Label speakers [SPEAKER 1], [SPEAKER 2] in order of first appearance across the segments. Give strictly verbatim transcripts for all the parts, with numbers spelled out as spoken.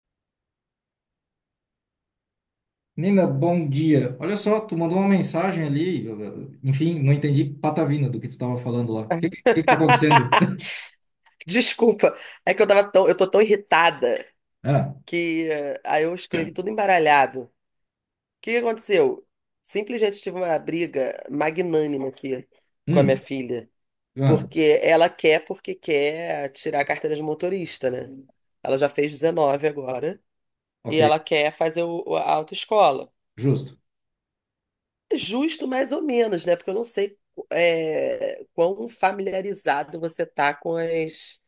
[SPEAKER 1] Nina, bom dia. Olha só, tu mandou uma mensagem ali, eu- eu- enfim, não entendi patavina do que tu estava falando lá. O
[SPEAKER 2] Ah,
[SPEAKER 1] que, que que tá acontecendo?
[SPEAKER 2] desculpa, é que eu tava tão, eu tô tão irritada
[SPEAKER 1] Ah,
[SPEAKER 2] que eh, aí eu escrevi tudo embaralhado. O que que aconteceu? Simplesmente tive uma briga magnânima aqui com a minha
[SPEAKER 1] hum,
[SPEAKER 2] filha,
[SPEAKER 1] ah,
[SPEAKER 2] porque ela quer porque quer tirar a carteira de motorista, né? Ela já fez dezenove agora e
[SPEAKER 1] ok,
[SPEAKER 2] ela quer fazer o, a autoescola.
[SPEAKER 1] justo.
[SPEAKER 2] Justo mais ou menos, né? Porque eu não sei é, quão familiarizado você tá com as,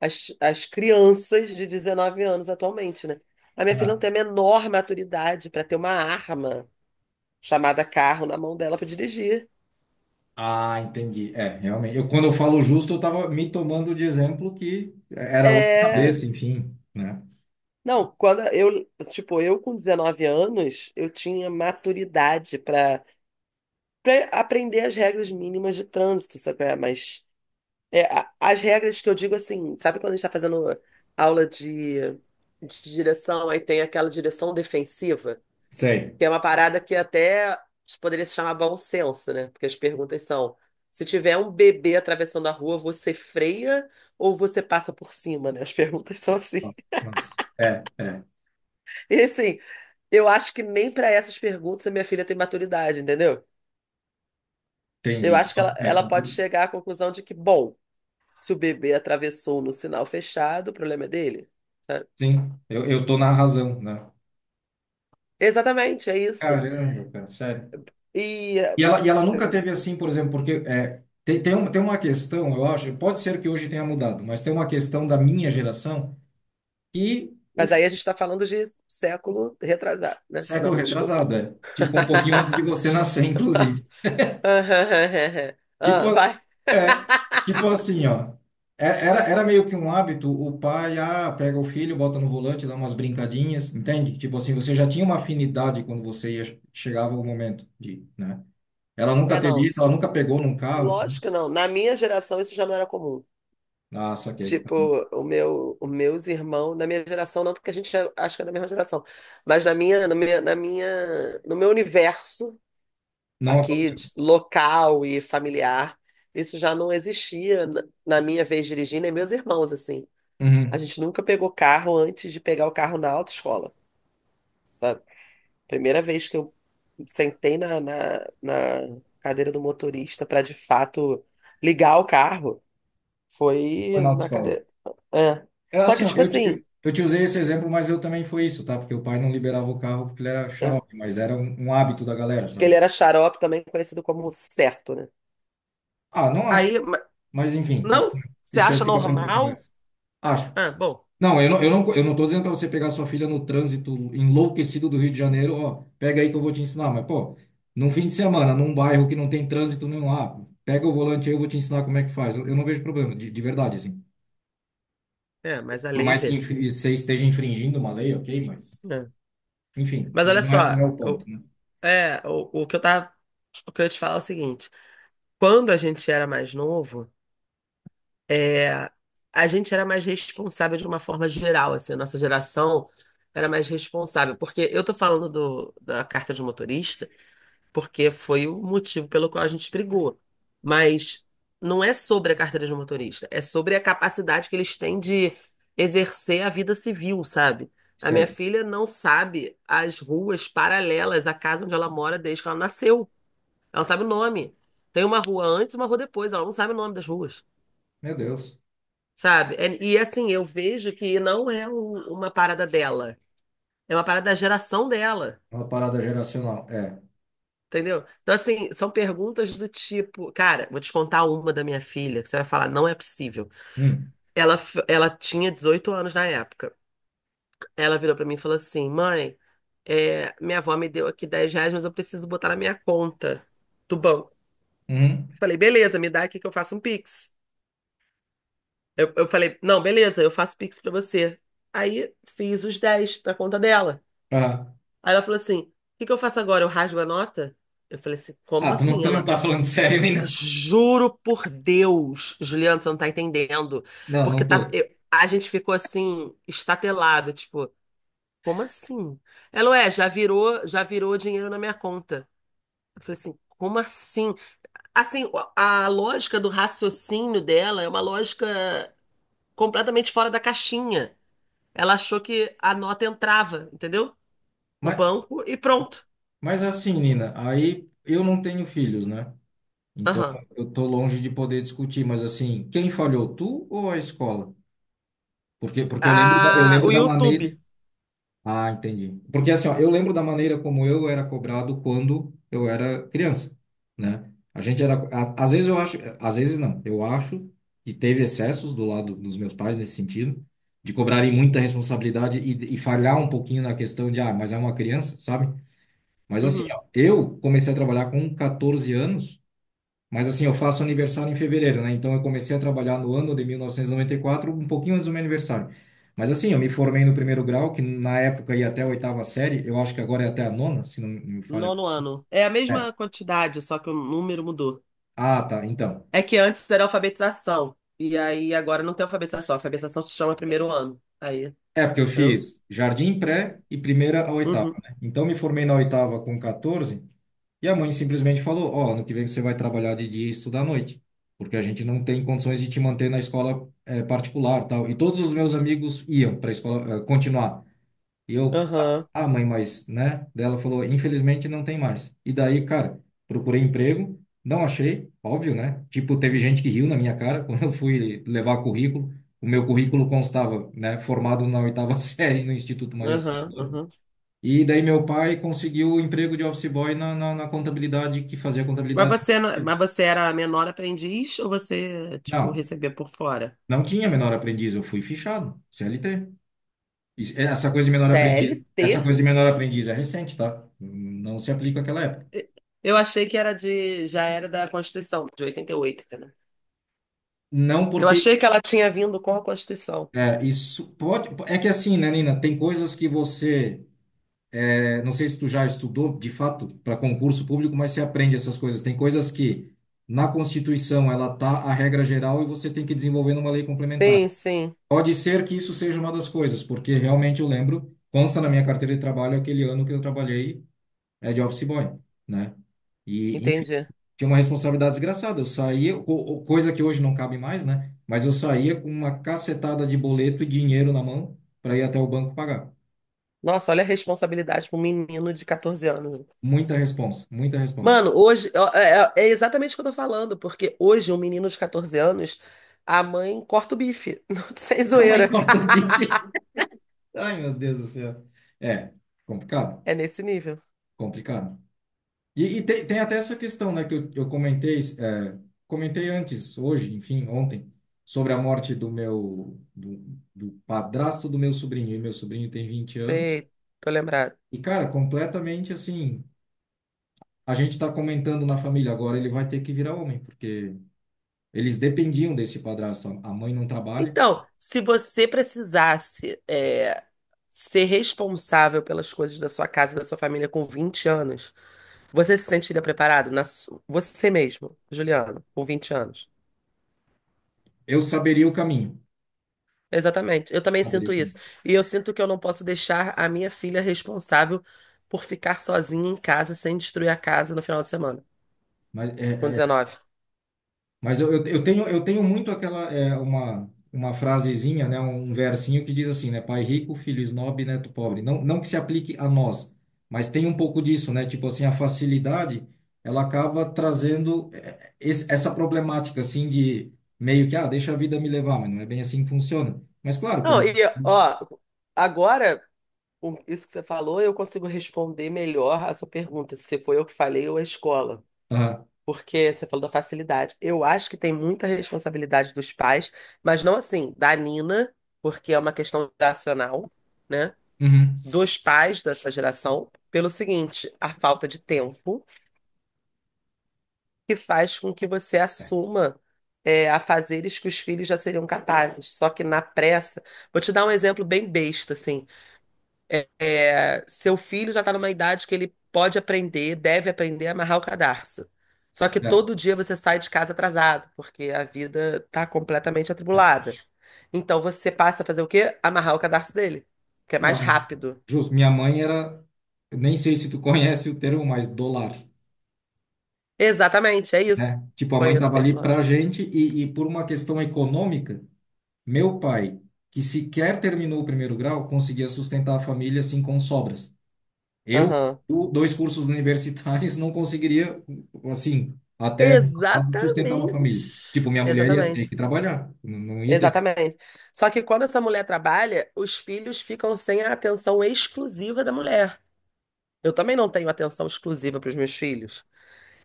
[SPEAKER 2] as, as crianças de dezenove anos atualmente, né? A minha filha não
[SPEAKER 1] Ah,
[SPEAKER 2] tem a menor maturidade para ter uma arma chamada carro na mão dela para dirigir.
[SPEAKER 1] ah, entendi. É, realmente. Eu, quando eu falo justo, eu estava me tomando de exemplo que era outra
[SPEAKER 2] É.
[SPEAKER 1] cabeça, enfim, né?
[SPEAKER 2] Não, quando eu, tipo, eu com dezenove anos, eu tinha maturidade para aprender as regras mínimas de trânsito, sabe? Qual é? Mas é, a- as regras que eu digo assim, sabe quando a gente está fazendo aula de, de direção, aí tem aquela direção defensiva,
[SPEAKER 1] Sei.
[SPEAKER 2] que é uma parada que até poderia se chamar bom senso, né? Porque as perguntas são: se tiver um bebê atravessando a rua, você freia ou você passa por cima, né? As perguntas são assim.
[SPEAKER 1] Nossa, nossa. É, é,
[SPEAKER 2] E assim, eu acho que nem para essas perguntas a minha filha tem maturidade, entendeu? Eu
[SPEAKER 1] entendi.
[SPEAKER 2] acho que ela,
[SPEAKER 1] É,
[SPEAKER 2] ela pode
[SPEAKER 1] compli-
[SPEAKER 2] chegar à conclusão de que, bom, se o bebê atravessou no sinal fechado, o problema é dele, sabe?
[SPEAKER 1] sim, eu, eu tô na razão, né?
[SPEAKER 2] Exatamente, é isso.
[SPEAKER 1] Caramba, cara, sério.
[SPEAKER 2] E,
[SPEAKER 1] E ela, e ela nunca teve assim, por exemplo, porque é, tem, tem, uma, tem uma questão, eu acho, pode ser que hoje tenha mudado, mas tem uma questão da minha geração, que o
[SPEAKER 2] mas
[SPEAKER 1] fi-
[SPEAKER 2] aí a gente está falando de século retrasado, né? Não,
[SPEAKER 1] século
[SPEAKER 2] me desculpa.
[SPEAKER 1] retrasado, é, tipo um pouquinho antes de você nascer, inclusive. Tipo,
[SPEAKER 2] Ah,
[SPEAKER 1] a-
[SPEAKER 2] vai.
[SPEAKER 1] é, tipo assim, ó, é- era, era meio que um hábito, o pai, ah, pega o filho, bota no volante, dá umas brincadinhas, entende? Tipo assim, você já tinha uma afinidade quando você ia, chegava o momento de, né? Ela nunca
[SPEAKER 2] É,
[SPEAKER 1] teve
[SPEAKER 2] não.
[SPEAKER 1] isso, ela nunca pegou num carro, assim.
[SPEAKER 2] Lógico que não. Na minha geração isso já não era comum.
[SPEAKER 1] Ah, saquei.
[SPEAKER 2] Tipo, o meu, os meus irmãos, na minha geração não, porque a gente é- acho que é da mesma geração, mas na minha, na minha, na minha, no meu universo
[SPEAKER 1] Não
[SPEAKER 2] aqui, de-
[SPEAKER 1] aconteceu.
[SPEAKER 2] local e familiar, isso já não existia na na minha vez dirigindo, e meus irmãos, assim. A
[SPEAKER 1] Uhum.
[SPEAKER 2] gente nunca pegou carro antes de pegar o carro na autoescola, sabe? Primeira vez que eu sentei na, na, na cadeira do motorista para de fato ligar o carro
[SPEAKER 1] Foi
[SPEAKER 2] foi
[SPEAKER 1] na
[SPEAKER 2] na
[SPEAKER 1] autoescola.
[SPEAKER 2] cadeira. É.
[SPEAKER 1] É
[SPEAKER 2] Só que,
[SPEAKER 1] assim, ó,
[SPEAKER 2] tipo
[SPEAKER 1] eu, te- eu,
[SPEAKER 2] assim,
[SPEAKER 1] eu te usei esse exemplo, mas eu também foi isso, tá? Porque o pai não liberava o carro porque ele era
[SPEAKER 2] é,
[SPEAKER 1] xarope, mas era um, um hábito da galera,
[SPEAKER 2] porque ele
[SPEAKER 1] sabe?
[SPEAKER 2] era xarope, também conhecido como certo, né?
[SPEAKER 1] Ah, não acho.
[SPEAKER 2] Aí, ma-
[SPEAKER 1] Mas enfim,
[SPEAKER 2] não,
[SPEAKER 1] isso,
[SPEAKER 2] você
[SPEAKER 1] isso aí
[SPEAKER 2] acha
[SPEAKER 1] fica para outra
[SPEAKER 2] normal?
[SPEAKER 1] conversa. Acho.
[SPEAKER 2] Ah, bom,
[SPEAKER 1] Não, eu não, eu não, eu não tô dizendo para você pegar sua filha no trânsito enlouquecido do Rio de Janeiro, ó, pega aí que eu vou te ensinar, mas pô, num fim de semana, num bairro que não tem trânsito nenhum lá, pega o volante aí, eu vou te ensinar como é que faz. Eu, eu não vejo problema, de, de verdade, assim.
[SPEAKER 2] é, mas a
[SPEAKER 1] Por
[SPEAKER 2] lei
[SPEAKER 1] mais que
[SPEAKER 2] vê.
[SPEAKER 1] infri- você esteja infringindo uma lei, ok, mas.
[SPEAKER 2] É.
[SPEAKER 1] Enfim,
[SPEAKER 2] Mas
[SPEAKER 1] mas
[SPEAKER 2] olha
[SPEAKER 1] não é, não
[SPEAKER 2] só,
[SPEAKER 1] é o
[SPEAKER 2] o,
[SPEAKER 1] ponto, né?
[SPEAKER 2] é, o, o que eu tava, o que eu ia te falar é o seguinte: quando a gente era mais novo, a gente era mais responsável de uma forma geral, assim, a nossa geração era mais responsável, porque eu tô falando do, da carta de motorista, porque foi o motivo pelo qual a gente brigou, mas não é sobre a carteira de motorista, é sobre a capacidade que eles têm de exercer a vida civil, sabe? A minha
[SPEAKER 1] Sei.
[SPEAKER 2] filha não sabe as ruas paralelas à casa onde ela mora desde que ela nasceu. Ela não sabe o nome. Tem uma rua antes e uma rua depois. Ela não sabe o nome das ruas,
[SPEAKER 1] Meu Deus.
[SPEAKER 2] sabe? É- E assim, eu vejo que não é um- uma parada dela, é uma parada da geração dela,
[SPEAKER 1] É uma parada geracional. É.
[SPEAKER 2] entendeu? Então, assim, são perguntas do tipo, cara, vou te contar uma da minha filha, que você vai falar, não é possível.
[SPEAKER 1] Hum,
[SPEAKER 2] Ela, f- ela tinha dezoito anos na época. Ela virou pra mim e falou assim: mãe, é, minha avó me deu aqui dez reais, mas eu preciso botar na minha conta do banco.
[SPEAKER 1] uhum.
[SPEAKER 2] Eu falei, beleza, me dá aqui que eu faço um Pix. Eu, eu falei, não, beleza, eu faço Pix pra você. Aí fiz os dez pra conta dela.
[SPEAKER 1] Ah,
[SPEAKER 2] Aí ela falou assim: o que que eu faço agora? Eu rasgo a nota? Eu falei assim:
[SPEAKER 1] ah,
[SPEAKER 2] como
[SPEAKER 1] tu não,
[SPEAKER 2] assim?
[SPEAKER 1] tu não
[SPEAKER 2] Ela,
[SPEAKER 1] tá falando sério, Nina?
[SPEAKER 2] juro por Deus, Juliana, você não tá entendendo.
[SPEAKER 1] Não,
[SPEAKER 2] Porque
[SPEAKER 1] não
[SPEAKER 2] tá,
[SPEAKER 1] tô.
[SPEAKER 2] eu- a gente ficou assim, estatelado, tipo, como assim? Ela, ué, já virou, já virou dinheiro na minha conta. Eu falei assim: como assim? Assim, a a lógica do raciocínio dela é uma lógica completamente fora da caixinha. Ela achou que a nota entrava, entendeu? No
[SPEAKER 1] Mas,
[SPEAKER 2] banco e pronto.
[SPEAKER 1] mas assim, Nina, aí eu não tenho filhos, né? Então
[SPEAKER 2] Aham.
[SPEAKER 1] eu tô longe de poder discutir, mas assim, quem falhou, tu ou a escola? Porque, porque eu lembro da, eu
[SPEAKER 2] Ah,
[SPEAKER 1] lembro
[SPEAKER 2] o
[SPEAKER 1] da maneira.
[SPEAKER 2] YouTube.
[SPEAKER 1] Ah, entendi. Porque assim, ó, eu lembro da maneira como eu era cobrado quando eu era criança, né? A gente era, a- Às vezes eu acho, às vezes não, eu acho que teve excessos do lado dos meus pais nesse sentido, de cobrarem muita responsabilidade e, e falhar um pouquinho na questão de, ah, mas é uma criança, sabe? Mas assim,
[SPEAKER 2] Uhum.
[SPEAKER 1] ó, eu comecei a trabalhar com catorze anos, mas assim, eu faço aniversário em fevereiro, né? Então eu comecei a trabalhar no ano de mil novecentos e noventa e quatro, um pouquinho antes do meu aniversário. Mas assim, eu me formei no primeiro grau, que na época ia até a oitava série, eu acho que agora é até a nona, se não me falha.
[SPEAKER 2] Nono ano. É a
[SPEAKER 1] É.
[SPEAKER 2] mesma quantidade, só que o número mudou.
[SPEAKER 1] Ah, tá, então.
[SPEAKER 2] É que antes era alfabetização. E aí agora não tem alfabetização. Alfabetização se chama primeiro ano. Aí,
[SPEAKER 1] É, porque eu
[SPEAKER 2] entendeu?
[SPEAKER 1] fiz jardim pré e primeira a oitava,
[SPEAKER 2] Uhum.
[SPEAKER 1] né? Então me formei na oitava com catorze, e a mãe simplesmente falou: ó, ano que vem você vai trabalhar de dia e estudar à noite, porque a gente não tem condições de te manter na escola eh, particular, tal. E todos os meus amigos iam para a escola eh, continuar. E eu, ah,
[SPEAKER 2] Aham.
[SPEAKER 1] ah, mãe, mas, né? Daí ela falou, infelizmente não tem mais. E daí, cara, procurei emprego, não achei, óbvio, né? Tipo, teve gente que riu na minha cara quando eu fui levar currículo. O meu currículo constava, né, formado na oitava série no Instituto Maria Auxílio.
[SPEAKER 2] Aham, aham.
[SPEAKER 1] E daí meu pai conseguiu o emprego de office boy na, na, na contabilidade, que fazia
[SPEAKER 2] Mas
[SPEAKER 1] contabilidade
[SPEAKER 2] você, não-
[SPEAKER 1] dele.
[SPEAKER 2] mas você era menor aprendiz ou você, tipo,
[SPEAKER 1] Não,
[SPEAKER 2] recebia por fora?
[SPEAKER 1] não tinha menor aprendiz, eu fui fichado, C L T. Isso- Essa coisa de menor aprendiz, essa
[SPEAKER 2] C L T?
[SPEAKER 1] coisa de menor aprendiz é recente, tá? Não se aplica àquela época.
[SPEAKER 2] Eu achei que era de, já era da Constituição, de oitenta e oito, entendeu?
[SPEAKER 1] Não,
[SPEAKER 2] Eu
[SPEAKER 1] porque
[SPEAKER 2] achei que ela tinha vindo com a Constituição.
[SPEAKER 1] é, isso pode. É que assim, né, Nina? Tem coisas que você. É, não sei se tu já estudou, de fato, para concurso público, mas você aprende essas coisas. Tem coisas que na Constituição ela tá a regra geral e você tem que desenvolver numa lei complementar.
[SPEAKER 2] Sim, sim,
[SPEAKER 1] Pode ser que isso seja uma das coisas, porque realmente eu lembro, consta na minha carteira de trabalho aquele ano que eu trabalhei, é, de office boy, né? E
[SPEAKER 2] entendi.
[SPEAKER 1] tinha uma responsabilidade desgraçada. Eu saía, co- co- coisa que hoje não cabe mais, né? Mas eu saía com uma cacetada de boleto e dinheiro na mão para ir até o banco pagar.
[SPEAKER 2] Nossa, olha a responsabilidade para um menino de catorze anos.
[SPEAKER 1] Muita responsa, muita responsa.
[SPEAKER 2] Mano, hoje ó, é, é é exatamente o que eu tô falando, porque hoje um menino de catorze anos, a mãe corta o bife, não sem
[SPEAKER 1] A mãe
[SPEAKER 2] zoeira.
[SPEAKER 1] corta o bico. Ai, meu Deus do céu. É, complicado,
[SPEAKER 2] É nesse nível.
[SPEAKER 1] complicado. E, e tem, tem até essa questão, né, que eu, eu comentei, é, comentei antes, hoje, enfim, ontem, sobre a morte do meu, do, do padrasto do meu sobrinho, e meu sobrinho tem vinte anos,
[SPEAKER 2] Sei, tô lembrado.
[SPEAKER 1] e, cara, completamente, assim, a gente está comentando na família, agora ele vai ter que virar homem, porque eles dependiam desse padrasto. A mãe não trabalha.
[SPEAKER 2] Então, se você precisasse é, ser responsável pelas coisas da sua casa e da sua família com vinte anos, você se sentiria preparado? Na su- Você mesmo, Juliano, com vinte anos.
[SPEAKER 1] Eu saberia o caminho.
[SPEAKER 2] Exatamente. Eu também
[SPEAKER 1] Saberia o
[SPEAKER 2] sinto isso.
[SPEAKER 1] caminho.
[SPEAKER 2] E eu sinto que eu não posso deixar a minha filha responsável por ficar sozinha em casa sem destruir a casa no final de semana,
[SPEAKER 1] Mas,
[SPEAKER 2] com
[SPEAKER 1] é, é,
[SPEAKER 2] dezenove.
[SPEAKER 1] mas eu, eu, eu tenho, eu tenho muito aquela, é, uma, uma frasezinha, né, um versinho que diz assim, né, pai rico, filho esnobe, neto pobre. Não, não que se aplique a nós, mas tem um pouco disso, né? Tipo assim, a facilidade, ela acaba trazendo é, esse, essa problemática, assim, de meio que, ah, deixa a vida me levar, mas não é bem assim que funciona. Mas claro,
[SPEAKER 2] Não,
[SPEAKER 1] quando.
[SPEAKER 2] e ó, agora, com isso que você falou, eu consigo responder melhor a sua pergunta, se foi eu que falei ou a escola.
[SPEAKER 1] Aham,
[SPEAKER 2] Porque você falou da facilidade. Eu acho que tem muita responsabilidade dos pais, mas não assim, da Nina, porque é uma questão geracional, né?
[SPEAKER 1] uhum.
[SPEAKER 2] Dos pais dessa geração, pelo seguinte, a falta de tempo, que faz com que você
[SPEAKER 1] É,
[SPEAKER 2] assuma é, a fazeres que os filhos já seriam capazes. Só que na pressa, vou te dar um exemplo bem besta, assim. É, seu filho já está numa idade que ele pode aprender, deve aprender a amarrar o cadarço. Só que
[SPEAKER 1] certo.
[SPEAKER 2] todo dia você sai de casa atrasado, porque a vida tá completamente
[SPEAKER 1] É.
[SPEAKER 2] atribulada. Então você passa a fazer o quê? Amarrar o cadarço dele, que é mais
[SPEAKER 1] Não,
[SPEAKER 2] rápido.
[SPEAKER 1] justo. Minha mãe era, eu nem sei se tu conhece o termo, mas dólar,
[SPEAKER 2] Exatamente, é isso.
[SPEAKER 1] né? Tipo, a mãe
[SPEAKER 2] Conheço o
[SPEAKER 1] tava
[SPEAKER 2] termo,
[SPEAKER 1] ali pra
[SPEAKER 2] lógico.
[SPEAKER 1] gente e, e por uma questão econômica, meu pai, que sequer terminou o primeiro grau, conseguia sustentar a família assim com sobras. Eu,
[SPEAKER 2] Aham.
[SPEAKER 1] o- dois cursos universitários, não conseguiria, assim, até ano passado, sustentar uma
[SPEAKER 2] Exatamente.
[SPEAKER 1] família. Tipo, minha mulher ia ter
[SPEAKER 2] Exatamente.
[SPEAKER 1] que trabalhar, não, não ia ter jeito.
[SPEAKER 2] Exatamente. Só que quando essa mulher trabalha, os filhos ficam sem a atenção exclusiva da mulher. Eu também não tenho atenção exclusiva para os meus filhos.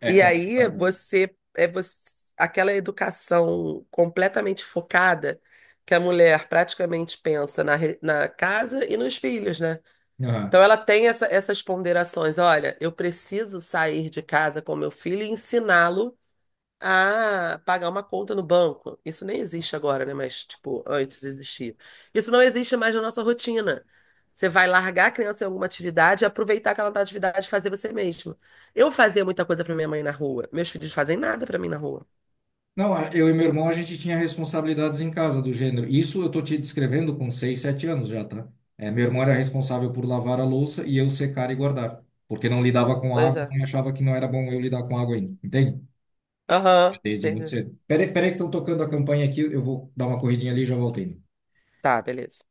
[SPEAKER 1] É
[SPEAKER 2] E aí
[SPEAKER 1] complicado, né?
[SPEAKER 2] você é você, aquela educação completamente focada que a mulher praticamente pensa na, re- na casa e nos filhos, né? Então ela tem essa- essas ponderações. Olha, eu preciso sair de casa com meu filho e ensiná-lo ah, pagar uma conta no banco. Isso nem existe agora, né? Mas, tipo, antes existia. Isso não existe mais na nossa rotina. Você vai largar a criança em alguma atividade e aproveitar aquela atividade e fazer você mesmo. Eu fazia muita coisa pra minha mãe na rua. Meus filhos fazem nada pra mim na rua.
[SPEAKER 1] Não, a- eu e meu irmão, a gente tinha responsabilidades em casa do gênero. Isso eu tô te descrevendo com seis, sete anos já, tá? É, meu irmão era responsável por lavar a louça e eu secar e guardar. Porque não lidava com
[SPEAKER 2] Pois
[SPEAKER 1] água
[SPEAKER 2] é.
[SPEAKER 1] e achava que não era bom eu lidar com água ainda. Entende?
[SPEAKER 2] Aham,
[SPEAKER 1] Desde muito
[SPEAKER 2] entendi.
[SPEAKER 1] cedo. Peraí, peraí que estão tocando a campanha aqui, eu vou dar uma corridinha ali e já voltei.
[SPEAKER 2] Tá, beleza.